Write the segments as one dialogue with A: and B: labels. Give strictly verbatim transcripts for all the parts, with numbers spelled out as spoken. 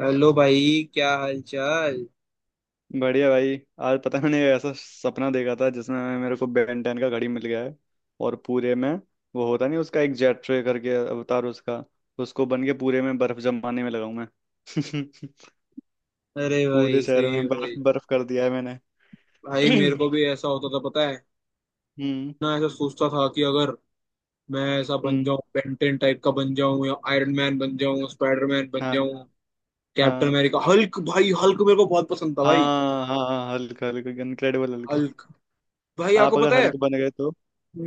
A: Hello भाई, क्या हाल चाल।
B: बढ़िया भाई। आज पता है मैंने ऐसा सपना देखा था जिसमें मेरे को बेन टेन का घड़ी मिल गया है। और पूरे में वो होता नहीं उसका एक जेट ट्रे करके अवतार उसका, उसको बन के पूरे में बर्फ जमाने में लगा हूं मैं।
A: अरे
B: पूरे
A: भाई,
B: शहर
A: सही है
B: में बर्फ
A: भाई।
B: बर्फ कर दिया है मैंने।
A: भाई मेरे को भी ऐसा होता था पता है,
B: हम्म।
A: ना ऐसा सोचता था कि अगर मैं ऐसा बन
B: हम्म।
A: जाऊं, बेंटेन टाइप का बन जाऊं, या आयरन मैन बन जाऊं, स्पाइडरमैन बन
B: हाँ
A: जाऊं, कैप्टन
B: हाँ।
A: America, Hulk. भाई हल्क मेरे को बहुत पसंद था भाई।
B: हाँ हाँ हाँ, Hulk Hulk Incredible Hulk.
A: Hulk. भाई आपको
B: आप अगर
A: पता है,
B: हल्क बन गए तो?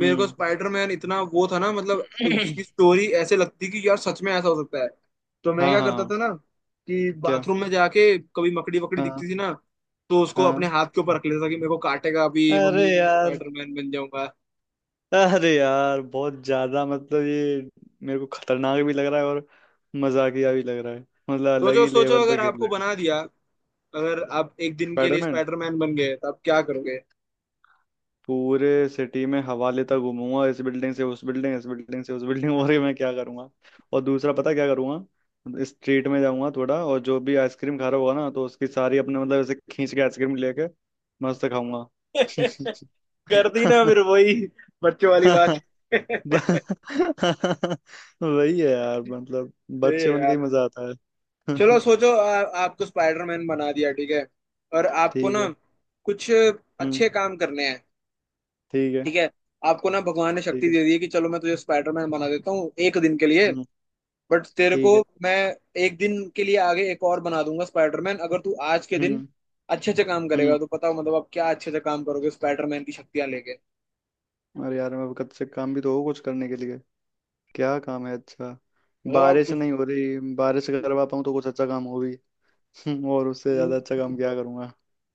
A: मेरे को स्पाइडरमैन इतना वो था ना, मतलब उसकी स्टोरी ऐसे लगती कि यार सच में ऐसा हो सकता है। तो मैं
B: हाँ हाँ
A: क्या करता
B: हाँ,
A: था ना, कि
B: क्या?
A: बाथरूम में जाके कभी मकड़ी वकड़ी
B: हाँ।
A: दिखती थी ना, तो उसको अपने
B: हाँ।
A: हाथ के ऊपर रख लेता था कि मेरे को काटेगा अभी,
B: अरे
A: मम्मी मैं
B: यार।
A: स्पाइडरमैन बन जाऊंगा।
B: अरे यार बहुत ज्यादा मतलब ये, मेरे को खतरनाक भी लग रहा है और मजाकिया भी लग रहा है। मतलब अलग
A: सोचो
B: ही
A: सोचो,
B: लेवल पे
A: अगर
B: खेल
A: आपको
B: रहे हो।
A: बना दिया, अगर आप एक दिन के लिए
B: स्पाइडरमैन?
A: स्पाइडरमैन बन गए तो आप क्या करोगे?
B: पूरे सिटी में हवा लेता घूमूंगा, इस बिल्डिंग से उस बिल्डिंग, इस बिल्डिंग से उस बिल्डिंग, और ये मैं क्या करूंगा। और दूसरा पता क्या करूंगा, स्ट्रीट में जाऊंगा थोड़ा, और जो भी आइसक्रीम खा रहा होगा ना तो उसकी सारी अपने मतलब ऐसे खींच के आइसक्रीम लेके मस्त खाऊंगा।
A: कर दी ना फिर वही बच्चों वाली बात। सही
B: वही है यार मतलब,
A: है
B: बच्चे बन के
A: यार।
B: ही मजा आता।
A: चलो सोचो, आ, आपको स्पाइडरमैन बना दिया, ठीक है? और आपको
B: ठीक है।
A: ना कुछ
B: हम्म।
A: अच्छे काम करने हैं,
B: ठीक है।
A: ठीक है। आपको ना भगवान ने
B: ठीक
A: शक्ति
B: है।
A: दे दी है कि चलो मैं तुझे स्पाइडरमैन बना देता हूँ एक दिन के लिए,
B: हम्म।
A: बट तेरे को
B: ठीक है।
A: मैं एक दिन के लिए आगे एक और बना दूंगा स्पाइडरमैन, अगर तू आज के दिन
B: हम्म।
A: अच्छे अच्छे काम
B: हम्म।
A: करेगा तो। पता हो मतलब आप क्या अच्छे अच्छे काम करोगे स्पाइडरमैन की शक्तियां लेके?
B: अरे यार मैं कब से काम भी तो हो कुछ करने के लिए। क्या काम है अच्छा?
A: मतलब आप
B: बारिश
A: कुछ,
B: नहीं हो रही, बारिश अगर करवा पाऊँ तो कुछ अच्छा काम हो भी। और उससे
A: हम्म,
B: ज्यादा अच्छा काम क्या करूंगा।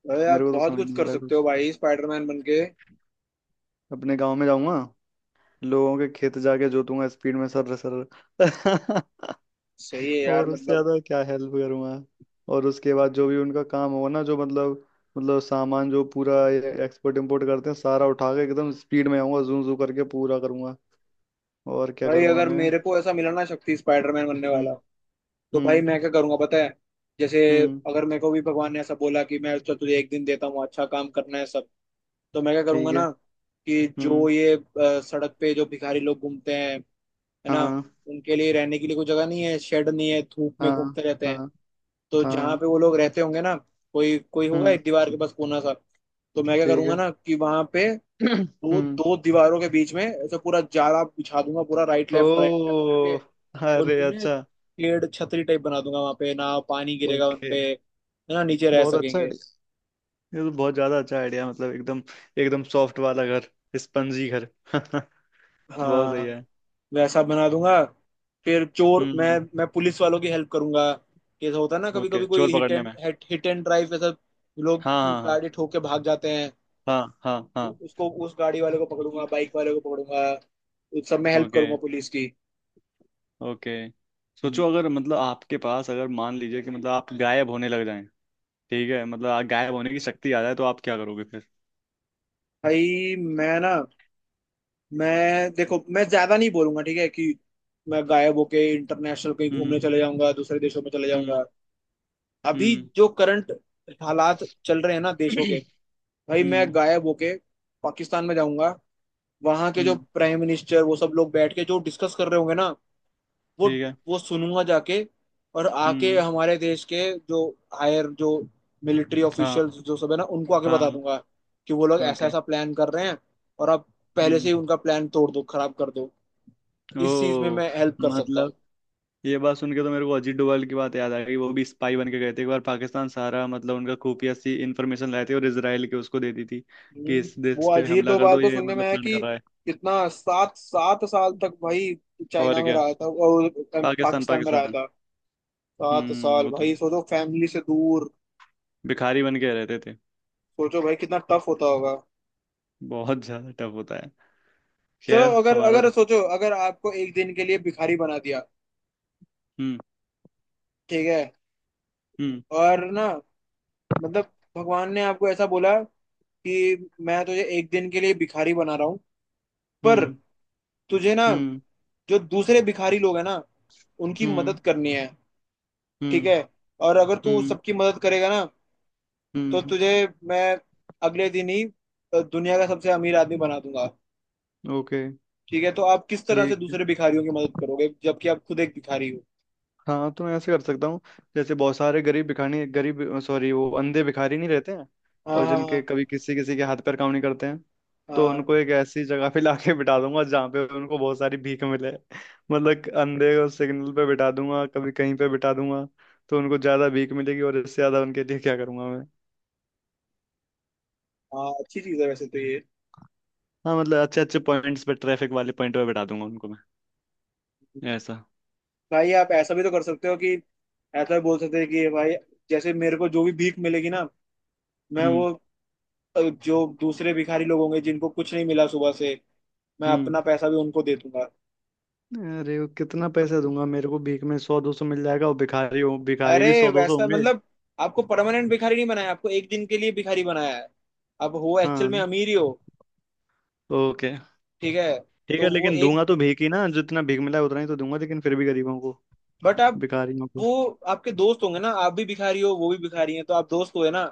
A: भाई
B: मेरे
A: आप
B: को तो
A: बहुत
B: समझ
A: कुछ
B: नहीं आ
A: कर
B: रहा
A: सकते हो
B: कुछ।
A: भाई स्पाइडरमैन बन के।
B: अपने गांव में जाऊंगा, लोगों के खेत जाके जोतूंगा स्पीड में, सर सर।
A: सही है यार
B: और उससे
A: मतलब।
B: ज्यादा क्या हेल्प करूंगा। और उसके बाद जो भी उनका काम होगा ना, जो मतलब, मतलब सामान जो पूरा एक्सपोर्ट इम्पोर्ट करते हैं सारा उठा के एकदम स्पीड में आऊंगा, जू जू करके पूरा करूंगा। और क्या
A: भाई
B: करूंगा
A: अगर
B: मैं।
A: मेरे को ऐसा मिला ना शक्ति स्पाइडरमैन बनने वाला,
B: हम्म।
A: तो भाई
B: हम्म।
A: मैं क्या करूंगा पता है? जैसे
B: हम्म।
A: अगर मेरे को भी भगवान ने ऐसा बोला कि मैं तो तुझे एक दिन देता हूँ, अच्छा काम करना है सब, तो मैं क्या करूंगा
B: ठीक है।
A: ना, कि जो
B: हम्म।
A: ये अ, सड़क पे जो भिखारी लोग घूमते हैं, है ना,
B: हाँ।
A: उनके लिए रहने के लिए कोई जगह नहीं है, शेड नहीं है, धूप में
B: हाँ
A: घूमते रहते हैं।
B: हाँ
A: तो जहाँ
B: हाँ।
A: पे वो लोग रहते होंगे ना, कोई कोई होगा एक
B: हम्म।
A: दीवार के पास कोना सा, तो मैं क्या
B: ठीक
A: करूंगा
B: है।
A: ना कि वहां पे दो
B: हम्म।
A: दो दीवारों के बीच में ऐसे पूरा जाला बिछा दूंगा पूरा, राइट लेफ्ट राइट लेफ्ट करके।
B: ओ। अरे
A: उनकी ना एक
B: अच्छा।
A: पेड़ छतरी टाइप बना दूंगा वहां पे, ना पानी गिरेगा
B: ओके।
A: उनपे, है ना, नीचे रह
B: बहुत अच्छा
A: सकेंगे।
B: आइडिया। ये तो बहुत ज्यादा अच्छा आइडिया मतलब एकदम, एकदम सॉफ्ट वाला घर, स्पंजी घर। बहुत सही
A: हाँ,
B: है।
A: वैसा बना दूंगा। फिर चोर मैं
B: हम्म।
A: मैं पुलिस वालों की हेल्प करूंगा। जैसा होता है ना, कभी
B: ओके
A: कभी कोई
B: चोर
A: हिट
B: पकड़ने
A: एंड
B: में।
A: हिट एंड ड्राइव ऐसा, लोग
B: हाँ हाँ।
A: गाड़ी ठोक के भाग जाते हैं,
B: हाँ हाँ हाँ
A: वो-
B: हाँ।
A: उसको, उस गाड़ी वाले को पकड़ूंगा, बाइक वाले को पकड़ूंगा, उस सब में हेल्प
B: ओके।
A: करूंगा पुलिस की।
B: ओके। सोचो अगर मतलब आपके पास अगर मान लीजिए कि मतलब आप गायब होने लग जाएं। ठीक है, मतलब आप गायब होने की शक्ति आ जाए तो आप क्या करोगे फिर।
A: भाई मैं ना, मैं, देखो मैं ज्यादा नहीं बोलूंगा, ठीक है, कि मैं गायब होके इंटरनेशनल कहीं
B: हम्म।
A: घूमने चले जाऊंगा, दूसरे देशों में चले
B: हम्म।
A: जाऊंगा। अभी
B: हम्म।
A: जो करंट हालात चल रहे हैं ना देशों के, भाई मैं
B: हम्म।
A: गायब होके पाकिस्तान में जाऊंगा। वहां के जो
B: हम्म।
A: प्राइम मिनिस्टर वो सब लोग बैठ के जो डिस्कस कर रहे होंगे ना, वो
B: ठीक है।
A: वो सुनूंगा जाके, और आके
B: हम्म।
A: हमारे देश के जो हायर जो मिलिट्री
B: हाँ।
A: ऑफिशियल्स जो सब है ना, उनको आके बता
B: हाँ।
A: दूंगा कि वो लोग ऐसा
B: ओके।
A: ऐसा प्लान कर रहे हैं, और आप पहले से
B: हम्म।
A: ही उनका प्लान तोड़ दो, खराब कर दो। इस चीज में
B: ओ।
A: मैं हेल्प कर सकता
B: मतलब,
A: हूँ।
B: ये बात सुन के तो मेरे को अजीत डोभाल की बात याद आ गई, वो भी स्पाई बन के गए थे एक बार पाकिस्तान, सारा मतलब उनका खुफिया सी इंफॉर्मेशन लाए थे और इसराइल के उसको दे दी थी कि
A: हम्म,
B: इस देश
A: वो
B: पे
A: अजीत
B: हमला कर
A: डोभाल
B: दो,
A: तो
B: ये
A: सुनने में
B: मतलब
A: आया
B: प्लान
A: कि
B: कर रहा है।
A: कितना सात सात साल तक भाई चाइना
B: और
A: में
B: क्या?
A: रहा था, और अ,
B: पाकिस्तान,
A: पाकिस्तान में रहा
B: पाकिस्तान।
A: था। सात
B: हम्म
A: साल
B: वो तो
A: भाई,
B: है।
A: सोचो फैमिली से दूर।
B: भिखारी बन के रहते थे।
A: सोचो भाई कितना टफ होता होगा।
B: बहुत ज्यादा टफ होता है।
A: चलो,
B: खैर
A: अगर
B: हमारा।
A: अगर सोचो, अगर आपको एक दिन के लिए भिखारी बना दिया,
B: हम्म।
A: ठीक है,
B: हम्म।
A: और ना, मतलब भगवान ने आपको ऐसा बोला कि मैं तुझे एक दिन के लिए भिखारी बना रहा हूँ, पर
B: हम्म।
A: तुझे ना
B: हम्म।
A: जो दूसरे भिखारी लोग हैं ना, उनकी
B: हम्म।
A: मदद करनी है, ठीक
B: हम्म।
A: है, और अगर तू
B: हम्म।
A: सबकी मदद करेगा ना, तो
B: हम्म,
A: तुझे मैं अगले दिन ही अ, दुनिया का सबसे अमीर आदमी बना दूंगा।
B: ओके।
A: ठीक है, तो आप किस तरह से
B: ठीक।
A: दूसरे भिखारियों की मदद करोगे जबकि आप खुद एक भिखारी हो?
B: हाँ तो मैं ऐसे कर सकता हूँ, जैसे बहुत सारे गरीब भिखारी, गरीब सॉरी, वो अंधे भिखारी नहीं रहते हैं
A: हाँ
B: और
A: हाँ
B: जिनके
A: हाँ,
B: कभी किसी किसी के हाथ पैर काम नहीं करते हैं, तो
A: हाँ,
B: उनको एक ऐसी जगह पे लाके बिठा दूंगा जहाँ पे उनको बहुत सारी भीख मिले। मतलब कि अंधे को सिग्नल पे बिठा दूंगा, कभी कहीं पे बिठा दूंगा, तो उनको ज्यादा भीख मिलेगी। और इससे ज्यादा उनके लिए क्या करूंगा मैं।
A: हाँ, अच्छी चीज है वैसे तो ये।
B: हाँ मतलब अच्छे अच्छे पॉइंट्स पे, ट्रैफिक वाले पॉइंट पे बिठा दूंगा उनको मैं, ऐसा।
A: भाई आप ऐसा भी तो कर सकते हो कि, ऐसा भी बोल सकते हैं कि भाई, जैसे मेरे को जो भी भीख मिलेगी ना, मैं
B: हम्म।
A: वो अ, जो दूसरे भिखारी लोग होंगे जिनको कुछ नहीं मिला सुबह से, मैं
B: हम्म।
A: अपना पैसा भी उनको दे दूंगा।
B: अरे वो कितना पैसा दूंगा, मेरे को भीख में सौ दो सौ मिल जाएगा और भिखारी हो भिखारी भी
A: अरे
B: सौ दो सौ
A: वैसा
B: होंगे।
A: मतलब, आपको परमानेंट भिखारी नहीं बनाया, आपको एक दिन के लिए भिखारी बनाया है, आप हो एक्चुअल में
B: हाँ।
A: अमीर ही हो।
B: ओके।
A: ठीक है,
B: ठीक
A: तो
B: है
A: वो
B: लेकिन
A: एक,
B: दूंगा तो भीख ही ना, जितना भीख मिला है उतना ही तो दूंगा, लेकिन फिर भी गरीबों को,
A: बट आप,
B: भिखारियों को।
A: वो आपके दोस्त होंगे ना, आप भी भिखारी हो वो भी भिखारी है तो आप दोस्त हुए ना,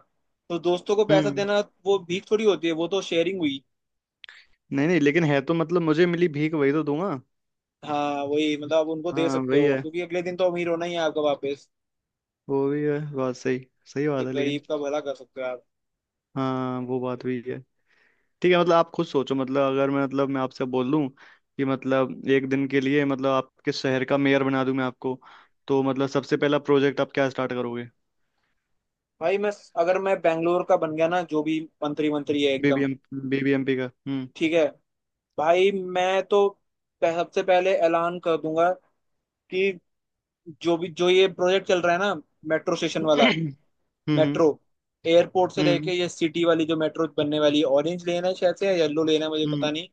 A: तो दोस्तों को पैसा
B: हम्म।
A: देना वो भीख थोड़ी होती है, वो तो शेयरिंग हुई।
B: नहीं नहीं, लेकिन है तो मतलब मुझे मिली भीख वही तो दूंगा।
A: हाँ वही मतलब, आप उनको दे
B: हाँ
A: सकते
B: वही
A: हो
B: है।
A: क्योंकि अगले दिन तो अमीर होना ही है आपका वापस।
B: वो भी है बात सही। सही
A: तो
B: बात है
A: गरीब
B: लेकिन।
A: का भला कर सकते हो आप।
B: हाँ वो बात भी है। ठीक है, मतलब आप खुद सोचो मतलब, अगर मैं मतलब मैं आपसे बोल दूं कि मतलब एक दिन के लिए मतलब आपके शहर का मेयर बना दूं मैं आपको, तो मतलब सबसे पहला प्रोजेक्ट आप क्या स्टार्ट करोगे।
A: भाई मैं, अगर मैं बैंगलोर का बन गया ना, जो भी मंत्री मंत्री है एकदम,
B: बीबीएम, बीबीएमपी का। हम्म।
A: ठीक है। भाई मैं तो पह- सबसे पहले ऐलान कर दूंगा कि जो भी जो ये प्रोजेक्ट चल रहा है ना, मेट्रो स्टेशन वाला,
B: हम्म। हम्म।
A: मेट्रो, एयरपोर्ट से लेके
B: हम्म।
A: ये सिटी वाली जो मेट्रो बनने वाली है, ऑरेंज लेना है शायद से, या येलो लेना है मुझे पता
B: हम्म।
A: नहीं,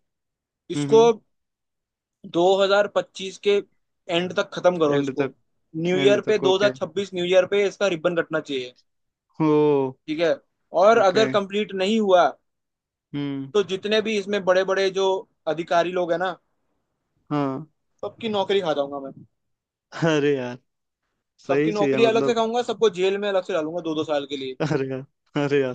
A: इसको
B: हम्म।
A: दो हज़ार पच्चीस के एंड तक खत्म करो,
B: एंड
A: इसको
B: तक।
A: न्यू ईयर
B: एंड
A: पे
B: तक ओके।
A: दो हज़ार छब्बीस, न्यू ईयर पे इसका रिबन कटना चाहिए,
B: हो।
A: ठीक है? और
B: ओके।
A: अगर कंप्लीट नहीं हुआ
B: हम्म।
A: तो जितने भी इसमें बड़े बड़े जो अधिकारी लोग हैं ना,
B: हाँ।
A: सबकी नौकरी खा जाऊंगा मैं।
B: अरे यार
A: सबकी
B: सही चीज है
A: नौकरी अलग से
B: मतलब।
A: खाऊंगा, सबको जेल में अलग से डालूंगा दो दो साल के लिए।
B: अरे यार। अरे यार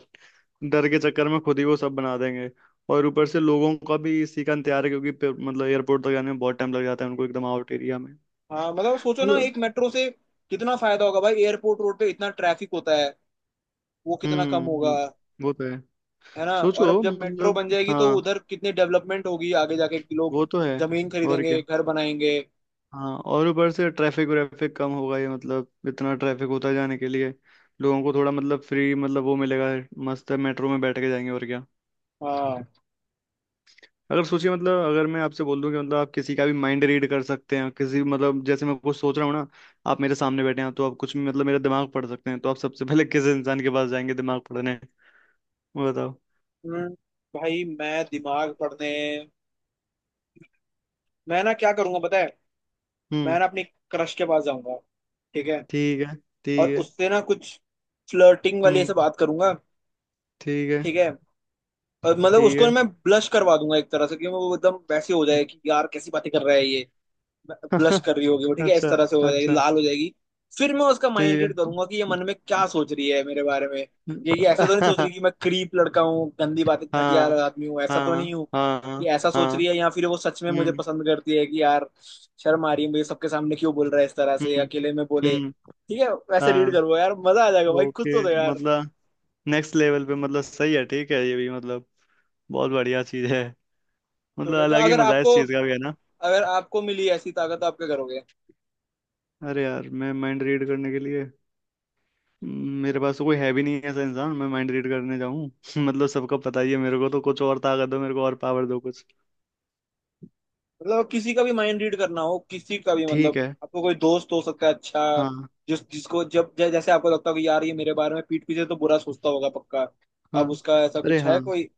B: डर के चक्कर में खुद ही वो सब बना देंगे। और ऊपर से लोगों का भी इसी का इंतजार है क्योंकि पे- मतलब एयरपोर्ट तक जाने में बहुत टाइम लग जाता है उनको, एकदम आउट एरिया में।
A: हाँ मतलब सोचो ना,
B: मतलब।
A: एक मेट्रो से कितना फायदा होगा भाई, एयरपोर्ट रोड पे इतना ट्रैफिक होता है, वो कितना कम
B: हम्म।
A: होगा,
B: हम्म, वो तो है।
A: है ना। और अब
B: सोचो
A: जब मेट्रो
B: मतलब।
A: बन जाएगी तो
B: हाँ
A: उधर कितनी डेवलपमेंट होगी आगे जाके, कि लोग
B: वो तो है।
A: जमीन
B: और
A: खरीदेंगे,
B: क्या।
A: घर बनाएंगे।
B: हाँ, और ऊपर से ट्रैफिक व्रैफिक कम होगा ये, मतलब इतना ट्रैफिक होता है जाने के लिए, लोगों को थोड़ा मतलब फ्री मतलब वो मिलेगा, मस्त है मेट्रो में बैठ के जाएंगे और क्या।
A: हाँ।
B: अगर सोचिए मतलब, अगर मैं आपसे बोल दूं कि मतलब आप किसी का भी माइंड रीड कर सकते हैं, किसी मतलब जैसे मैं कुछ सोच रहा हूँ ना, आप मेरे सामने बैठे हैं तो आप कुछ भी मतलब मेरा दिमाग पढ़ सकते हैं, तो आप सबसे पहले किस इंसान के पास जाएंगे दिमाग पढ़ने, वो बताओ।
A: हम्म, भाई मैं दिमाग पढ़ने, मैं ना क्या करूंगा पता है,
B: हम्म।
A: मैं ना अपनी क्रश के पास जाऊंगा, ठीक है,
B: ठीक है।
A: और
B: ठीक है।
A: उससे ना कुछ फ्लर्टिंग वाली ऐसे
B: हम्म।
A: बात करूंगा,
B: ठीक है।
A: ठीक है, और मतलब उसको
B: ठीक
A: मैं ब्लश करवा दूंगा एक तरह से, कि वो एकदम वैसे हो
B: है।
A: जाए कि यार कैसी बातें कर रहा है ये। ब्लश कर रही होगी वो, ठीक है, इस
B: अच्छा।
A: तरह से हो जाएगी,
B: अच्छा।
A: लाल हो जाएगी। फिर मैं उसका माइंड रीड
B: ठीक
A: करूंगा कि ये मन में क्या सोच रही है मेरे बारे में, ये ये ऐसे तो नहीं सोच
B: है।
A: रही कि मैं क्रीप लड़का हूँ, गंदी बातें, घटिया
B: हाँ।
A: आदमी हूँ, ऐसा तो नहीं
B: हाँ।
A: हूँ, कि
B: हाँ
A: ऐसा सोच रही
B: हाँ।
A: है, या फिर वो सच में मुझे
B: हम्म।
A: पसंद करती है कि यार शर्म आ रही है मुझे, सबके सामने क्यों बोल रहा है इस तरह से,
B: हम्म।
A: अकेले में बोले,
B: हम्म।
A: ठीक है वैसे रीड
B: हाँ।
A: करो यार, मजा आ जाएगा भाई, खुद
B: ओके।
A: तो दो यार।
B: मतलब नेक्स्ट लेवल पे मतलब सही है, ठीक है, ये भी मतलब बहुत बढ़िया चीज है। मतलब
A: तो, तो
B: अलग ही
A: अगर
B: मजा है
A: आपको,
B: इस चीज का भी है ना।
A: अगर आपको मिली ऐसी ताकत तो आप क्या करोगे?
B: अरे यार मैं माइंड रीड करने के लिए, हम्म, मेरे पास तो कोई है भी नहीं ऐसा इंसान मैं माइंड रीड करने जाऊं। मतलब सबको पता ही है मेरे को, तो कुछ और ताकत दो मेरे को, और पावर दो कुछ।
A: मतलब किसी का भी माइंड रीड करना हो, किसी का भी
B: ठीक
A: मतलब,
B: है।
A: आपको कोई दोस्त हो सकता है अच्छा,
B: हाँ।
A: जिस जिसको जब जै, जैसे आपको लगता हो कि यार ये मेरे बारे में पीठ पीछे तो बुरा सोचता होगा पक्का,
B: हाँ।
A: अब उसका ऐसा
B: अरे
A: कुछ
B: हाँ।
A: है कोई?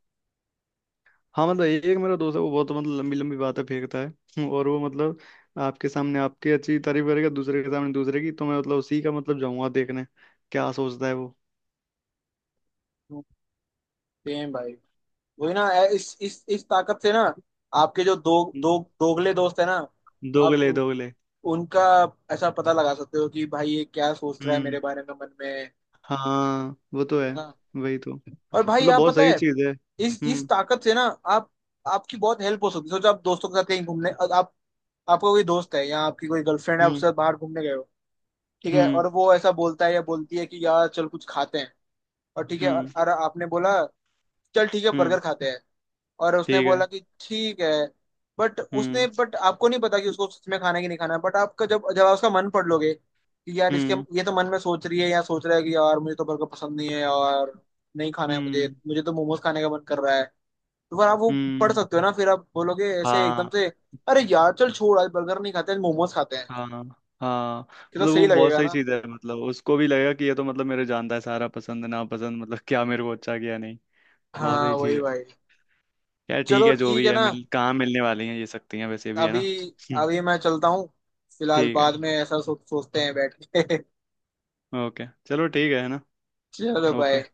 B: हाँ मतलब एक मेरा दोस्त है, वो बहुत मतलब लंबी लंबी बातें फेंकता है और वो मतलब आपके सामने आपकी अच्छी तारीफ करेगा, दूसरे के सामने दूसरे की, तो मैं मतलब उसी का मतलब जाऊंगा देखने क्या सोचता है वो।
A: सेम भाई, वही ना, ऐ- इस इस इस ताकत से ना, आपके जो दो, दो
B: हम्म,
A: दोगले दोस्त है ना, आप
B: दोगले
A: उन
B: दोगले।
A: उनका ऐसा पता लगा सकते हो कि भाई ये क्या सोच रहा है
B: हम्म।
A: मेरे बारे में मन में, है
B: हाँ वो तो है।
A: ना।
B: वही तो।
A: और भाई
B: मतलब
A: आप
B: बहुत
A: पता
B: सही
A: है,
B: चीज है।
A: इस इस
B: हम्म।
A: ताकत से ना, आप, आपकी बहुत हेल्प हो सकती है। सोचो आप दोस्तों के साथ कहीं घूमने, आप आपका कोई दोस्त है या आपकी कोई गर्लफ्रेंड है
B: हम्म।
A: उससे बाहर घूमने गए हो, ठीक है,
B: हम्म।
A: और वो ऐसा बोलता है या बोलती है कि यार चल कुछ खाते हैं, और ठीक है,
B: हम्म।
A: और, और आपने बोला चल ठीक है
B: हम्म।
A: बर्गर खाते हैं, और उसने
B: ठीक
A: बोला
B: है।
A: कि ठीक है, बट उसने,
B: हम्म।
A: बट आपको नहीं पता कि उसको सच में खाना है कि नहीं खाना है, बट आपका, जब जब आप उसका मन पढ़ लोगे कि यार इसके
B: हम्म।
A: ये तो मन में सोच रही है या सोच रहा है कि यार मुझे तो बर्गर पसंद नहीं है और नहीं खाना है मुझे
B: हम्म।
A: मुझे तो मोमोज खाने का मन कर रहा है, तो फिर आप वो पढ़
B: हम्म।
A: सकते हो ना, फिर आप बोलोगे ऐसे एकदम
B: हाँ।
A: से, अरे यार चल छोड़, आज बर्गर नहीं खाते, आज मोमोज खाते हैं।
B: हाँ। हाँ
A: कितना
B: मतलब
A: सही
B: वो बहुत
A: लगेगा
B: सही
A: ना।
B: चीज है, मतलब उसको भी लगेगा कि ये तो मतलब मेरे जानता है सारा पसंद नापसंद मतलब क्या मेरे को अच्छा क्या नहीं। बहुत
A: हाँ
B: सही चीज
A: वही
B: है।
A: भाई।
B: यार ठीक
A: चलो
B: है, जो
A: ठीक
B: भी
A: है
B: है
A: ना,
B: मिल कहाँ मिलने वाली हैं ये सकती हैं वैसे भी, है ना।
A: अभी,
B: हम्म,
A: अभी मैं चलता हूँ, फिलहाल
B: ठीक है।
A: बाद में ऐसा सो, सोचते हैं बैठ के।
B: ओके चलो, ठीक है है ना।
A: चलो भाई।
B: ओके।